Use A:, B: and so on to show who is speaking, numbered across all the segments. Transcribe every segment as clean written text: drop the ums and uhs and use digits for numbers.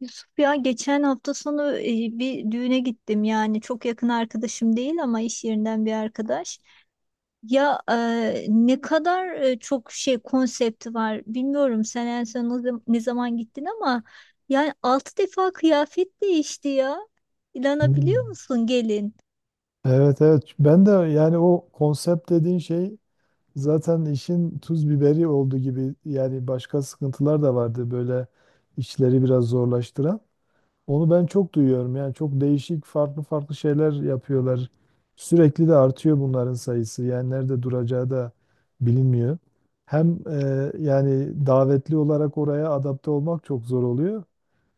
A: Yusuf, ya geçen hafta sonu bir düğüne gittim, yani çok yakın arkadaşım değil ama iş yerinden bir arkadaş. Ya, ne kadar çok şey konsepti var, bilmiyorum sen en son ne zaman gittin, ama yani 6 defa kıyafet değişti ya. İnanabiliyor
B: Hmm.
A: musun gelin?
B: Evet evet ben de yani o konsept dediğin şey zaten işin tuz biberi oldu gibi yani başka sıkıntılar da vardı böyle işleri biraz zorlaştıran. Onu ben çok duyuyorum yani çok değişik farklı farklı şeyler yapıyorlar. Sürekli de artıyor bunların sayısı yani nerede duracağı da bilinmiyor. Hem yani davetli olarak oraya adapte olmak çok zor oluyor.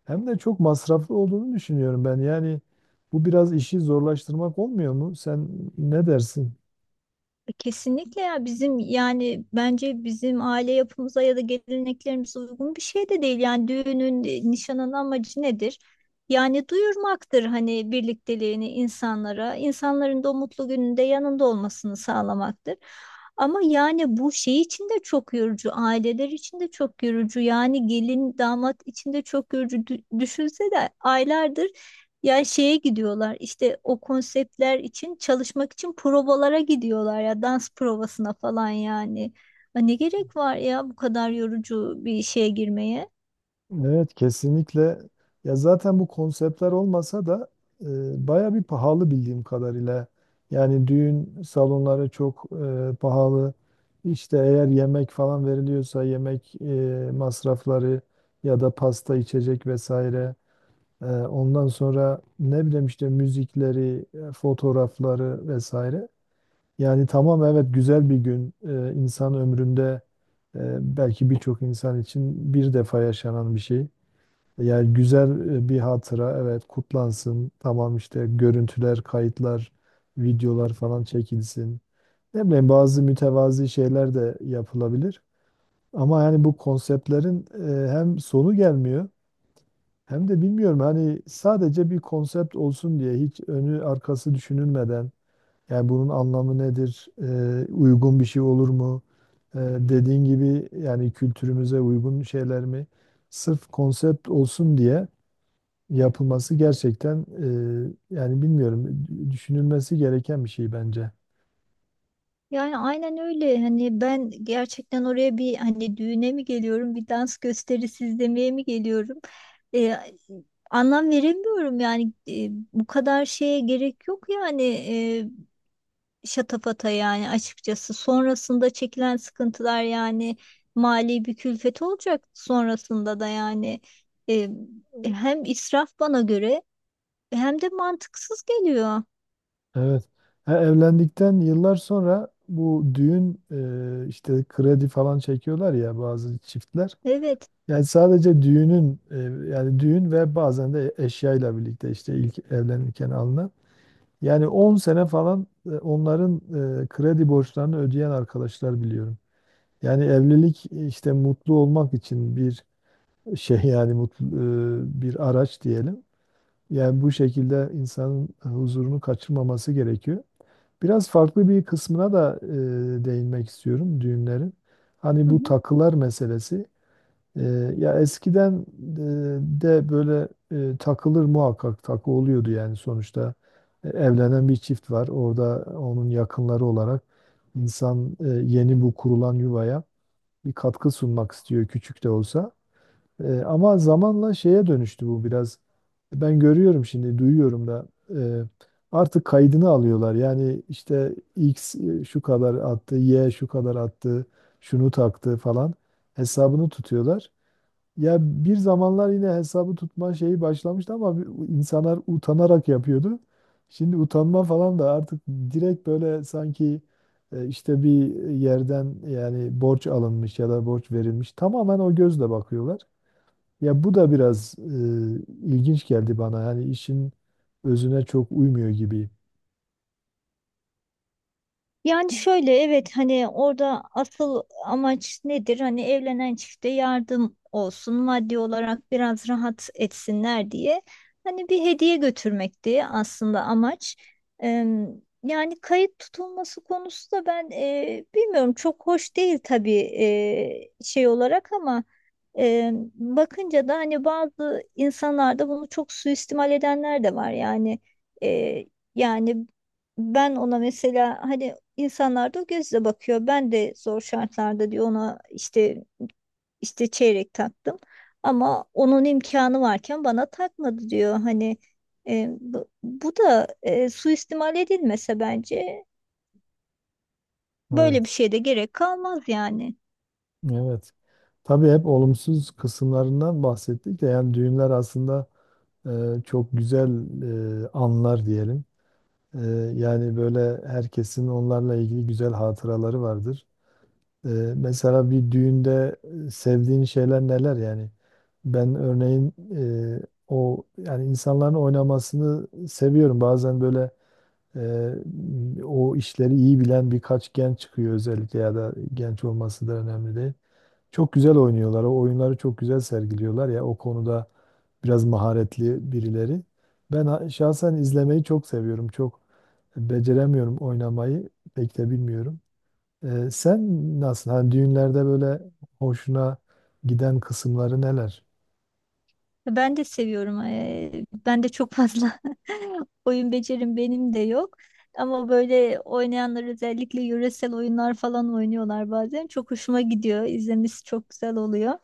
B: Hem de çok masraflı olduğunu düşünüyorum ben. Yani bu biraz işi zorlaştırmak olmuyor mu? Sen ne dersin?
A: Kesinlikle ya, bizim yani bence bizim aile yapımıza ya da geleneklerimize uygun bir şey de değil. Yani düğünün, nişanın amacı nedir? Yani duyurmaktır, hani birlikteliğini insanlara, insanların da o mutlu gününde yanında olmasını sağlamaktır. Ama yani bu şey için de çok yorucu, aileler için de çok yorucu. Yani gelin damat için de çok yorucu. Düşünse de aylardır ya şeye gidiyorlar işte, o konseptler için çalışmak için provalara gidiyorlar ya, dans provasına falan yani. Ha, ne gerek var ya bu kadar yorucu bir şeye girmeye?
B: Evet, kesinlikle. Ya zaten bu konseptler olmasa da baya bir pahalı bildiğim kadarıyla. Yani düğün salonları çok pahalı. İşte eğer yemek falan veriliyorsa yemek masrafları ya da pasta, içecek vesaire. Ondan sonra ne bileyim işte müzikleri, fotoğrafları vesaire. Yani tamam evet güzel bir gün. İnsan ömründe belki birçok insan için bir defa yaşanan bir şey. Yani güzel bir hatıra evet kutlansın. Tamam işte görüntüler, kayıtlar, videolar falan çekilsin. Ne bileyim bazı mütevazi şeyler de yapılabilir. Ama yani bu konseptlerin hem sonu gelmiyor hem de bilmiyorum hani sadece bir konsept olsun diye hiç önü arkası düşünülmeden yani bunun anlamı nedir? Uygun bir şey olur mu? Dediğin gibi yani kültürümüze uygun şeyler mi? Sırf konsept olsun diye yapılması gerçekten yani bilmiyorum düşünülmesi gereken bir şey bence.
A: Yani aynen öyle, hani ben gerçekten oraya bir, hani düğüne mi geliyorum bir dans gösterisi izlemeye mi geliyorum? Ee, Anlam veremiyorum yani. Bu kadar şeye gerek yok, yani şatafata yani, açıkçası. Sonrasında çekilen sıkıntılar, yani mali bir külfet olacak sonrasında da yani. E, Hem israf bana göre hem de mantıksız geliyor.
B: Evet. Ha, evlendikten yıllar sonra bu düğün işte kredi falan çekiyorlar ya bazı çiftler.
A: Evet.
B: Yani sadece düğünün yani düğün ve bazen de eşyayla birlikte işte ilk evlenirken alınan. Yani 10 sene falan onların kredi borçlarını ödeyen arkadaşlar biliyorum. Yani evlilik işte mutlu olmak için bir şey yani mutlu bir araç diyelim. Yani bu şekilde insanın huzurunu kaçırmaması gerekiyor. Biraz farklı bir kısmına da değinmek istiyorum düğünlerin. Hani
A: Hı
B: bu
A: hı.
B: takılar meselesi. Ya eskiden de böyle takılır muhakkak takı oluyordu yani sonuçta. Evlenen bir çift var orada onun yakınları olarak insan yeni bu kurulan yuvaya bir katkı sunmak istiyor küçük de olsa. Ama zamanla şeye dönüştü bu biraz, ben görüyorum şimdi duyuyorum da e, artık kaydını alıyorlar yani işte X şu kadar attı, Y şu kadar attı, şunu taktı falan hesabını tutuyorlar. Ya bir zamanlar yine hesabı tutma şeyi başlamıştı ama insanlar utanarak yapıyordu. Şimdi utanma falan da artık direkt böyle sanki işte bir yerden yani borç alınmış ya da borç verilmiş. Tamamen o gözle bakıyorlar. Ya bu da biraz ilginç geldi bana. Yani işin özüne çok uymuyor gibi.
A: Yani şöyle, evet, hani orada asıl amaç nedir? Hani evlenen çifte yardım olsun, maddi olarak biraz rahat etsinler diye. Hani bir hediye götürmekti aslında amaç. Eee, Yani kayıt tutulması konusu da ben bilmiyorum, çok hoş değil tabii şey olarak, ama bakınca da hani bazı insanlarda bunu çok suistimal edenler de var. Yani eee, yani ben ona mesela, hani İnsanlar da o gözle bakıyor. Ben de zor şartlarda diyor ona işte çeyrek taktım. Ama onun imkanı varken bana takmadı diyor. Hani bu da suistimal edilmese bence böyle bir
B: Evet.
A: şeye de gerek kalmaz yani.
B: Evet. Tabii hep olumsuz kısımlarından bahsettik de yani düğünler aslında çok güzel anlar diyelim. Ee, Yani böyle herkesin onlarla ilgili güzel hatıraları vardır. Ee, Mesela bir düğünde sevdiğin şeyler neler yani? Ben örneğin o yani insanların oynamasını seviyorum. Bazen böyle o işleri iyi bilen birkaç genç çıkıyor özellikle, ya da genç olması da önemli değil. Çok güzel oynuyorlar. O oyunları çok güzel sergiliyorlar ya. O konuda biraz maharetli birileri. Ben şahsen izlemeyi çok seviyorum. Çok beceremiyorum oynamayı. Pek de bilmiyorum. Sen nasıl? Hani düğünlerde böyle hoşuna giden kısımları neler?
A: Ben de seviyorum. Ben de çok fazla oyun becerim benim de yok. Ama böyle oynayanlar özellikle yöresel oyunlar falan oynuyorlar bazen. Çok hoşuma gidiyor. İzlemesi çok güzel oluyor.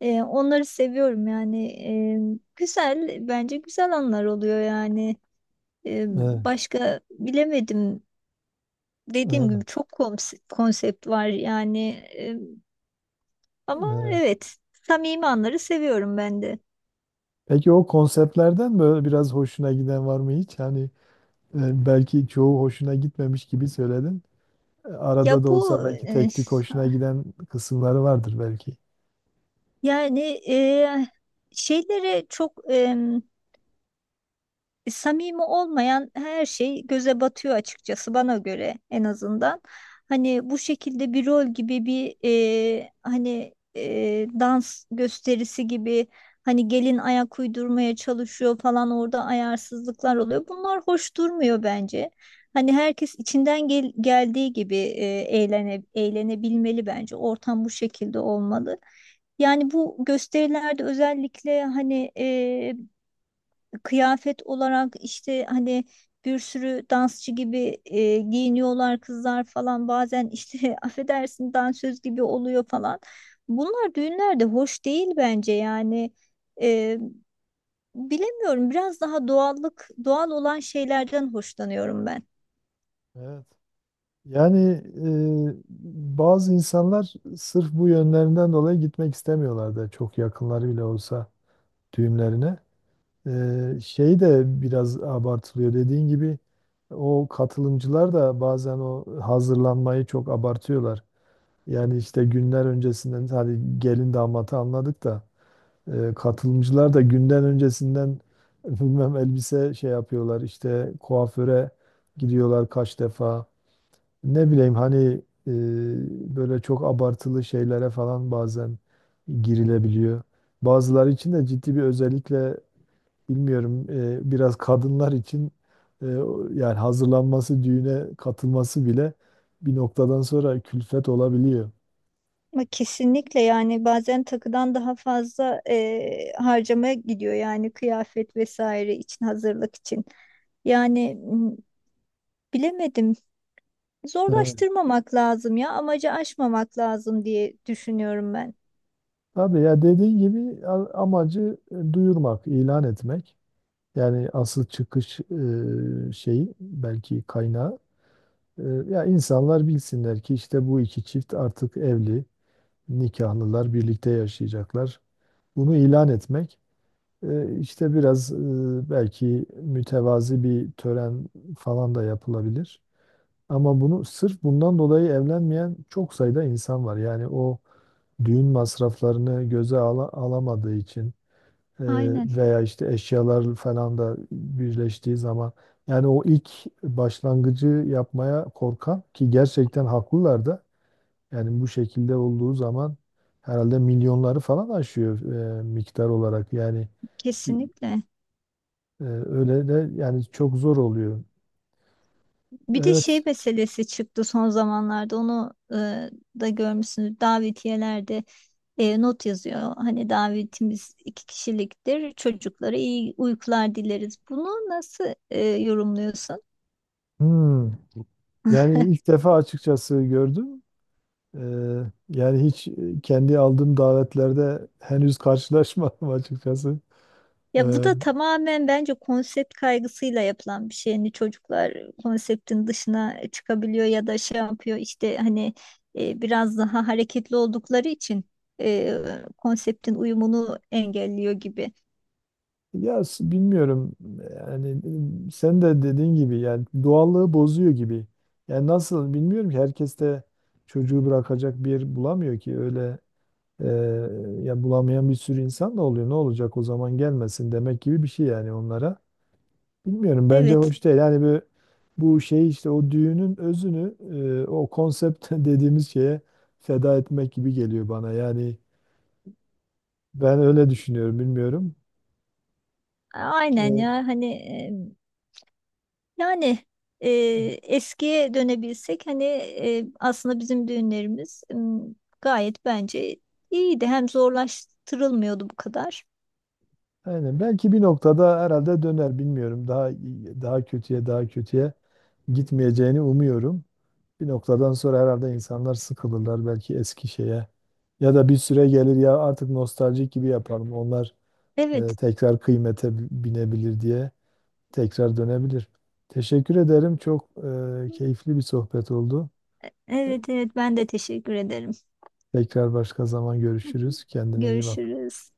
A: Onları seviyorum yani. Güzel, bence güzel anlar oluyor yani. E,
B: Evet,
A: Başka bilemedim. Dediğim
B: evet,
A: gibi çok konsept var yani. Ama
B: evet.
A: evet, samimi anları seviyorum ben de.
B: Peki o konseptlerden böyle biraz hoşuna giden var mı hiç? Hani belki çoğu hoşuna gitmemiş gibi söyledin.
A: Ya
B: Arada da
A: bu
B: olsa belki tek tük hoşuna giden kısımları vardır belki.
A: yani e, şeylere çok. Samimi olmayan her şey göze batıyor, açıkçası bana göre en azından. Hani bu şekilde bir rol gibi bir, hani dans gösterisi gibi, hani gelin ayak uydurmaya çalışıyor falan, orada ayarsızlıklar oluyor. Bunlar hoş durmuyor bence. Hani herkes içinden geldiği gibi eğlene eğlenebilmeli bence. Ortam bu şekilde olmalı. Yani bu gösterilerde özellikle hani, kıyafet olarak işte hani, bir sürü dansçı gibi giyiniyorlar kızlar falan bazen işte affedersin, dansöz gibi oluyor falan. Bunlar düğünlerde hoş değil bence yani. E, Bilemiyorum, biraz daha doğallık, doğal olan şeylerden hoşlanıyorum ben.
B: Evet. Yani e, bazı insanlar sırf bu yönlerinden dolayı gitmek istemiyorlar, da çok yakınları bile olsa düğümlerine. Şey de biraz abartılıyor. Dediğin gibi o katılımcılar da bazen o hazırlanmayı çok abartıyorlar. Yani işte günler öncesinden hadi gelin damatı anladık da katılımcılar da günden öncesinden bilmem elbise şey yapıyorlar, işte kuaföre gidiyorlar kaç defa. Ne bileyim hani böyle çok abartılı şeylere falan bazen girilebiliyor. Bazıları için de ciddi bir, özellikle bilmiyorum biraz kadınlar için yani hazırlanması, düğüne katılması bile bir noktadan sonra külfet olabiliyor.
A: Ama kesinlikle, yani bazen takıdan daha fazla harcamaya gidiyor yani, kıyafet vesaire için, hazırlık için. Yani bilemedim.
B: Evet.
A: Zorlaştırmamak lazım ya, amacı aşmamak lazım diye düşünüyorum ben.
B: Tabii ya dediğin gibi amacı duyurmak, ilan etmek. Yani asıl çıkış şeyi, belki kaynağı. Ya insanlar bilsinler ki işte bu iki çift artık evli, nikahlılar birlikte yaşayacaklar. Bunu ilan etmek işte biraz belki mütevazi bir tören falan da yapılabilir. Ama bunu sırf bundan dolayı evlenmeyen çok sayıda insan var. Yani o düğün masraflarını göze alamadığı için ee,
A: Aynen,
B: veya işte eşyalar falan da birleştiği zaman yani o ilk başlangıcı yapmaya korkan, ki gerçekten haklılar da, yani bu şekilde olduğu zaman herhalde milyonları falan aşıyor miktar olarak, yani
A: kesinlikle.
B: öyle de yani çok zor oluyor.
A: Bir de
B: Evet.
A: şey meselesi çıktı son zamanlarda, onu da görmüşsünüz davetiyelerde, not yazıyor. Hani davetimiz iki kişiliktir, çocuklara iyi uykular dileriz. Bunu nasıl yorumluyorsun?
B: Hmm. Yani ilk defa açıkçası gördüm. Ee, Yani hiç kendi aldığım davetlerde henüz karşılaşmadım açıkçası.
A: Ya bu
B: Ee,
A: da tamamen bence konsept kaygısıyla yapılan bir şey. Hani çocuklar konseptin dışına çıkabiliyor ya da şey yapıyor işte, hani biraz daha hareketli oldukları için e, konseptin uyumunu engelliyor gibi.
B: Ya bilmiyorum yani, sen de dediğin gibi yani doğallığı bozuyor gibi. Yani nasıl, bilmiyorum ki, herkes de çocuğu bırakacak bir yer bulamıyor ki öyle e, ya, bulamayan bir sürü insan da oluyor. Ne olacak o zaman, gelmesin demek gibi bir şey yani onlara. Bilmiyorum, bence
A: Evet,
B: hoş değil. Yani bu şey işte o düğünün özünü o konsept dediğimiz şeye feda etmek gibi geliyor bana. Yani ben öyle düşünüyorum, bilmiyorum.
A: aynen
B: E,
A: ya, hani yani e, eskiye dönebilsek, hani aslında bizim düğünlerimiz gayet bence iyiydi. Hem zorlaştırılmıyordu bu kadar.
B: Aynen. Belki bir noktada herhalde döner, bilmiyorum. Daha kötüye, daha kötüye gitmeyeceğini umuyorum. Bir noktadan sonra herhalde insanlar sıkılırlar belki eski şeye. Ya da bir süre gelir ya, artık nostaljik gibi yapalım. Onlar
A: Evet.
B: tekrar kıymete binebilir diye tekrar dönebilir. Teşekkür ederim. Çok keyifli bir sohbet oldu.
A: Evet, evet, ben de teşekkür ederim.
B: Tekrar başka zaman görüşürüz. Kendine iyi bak.
A: Görüşürüz.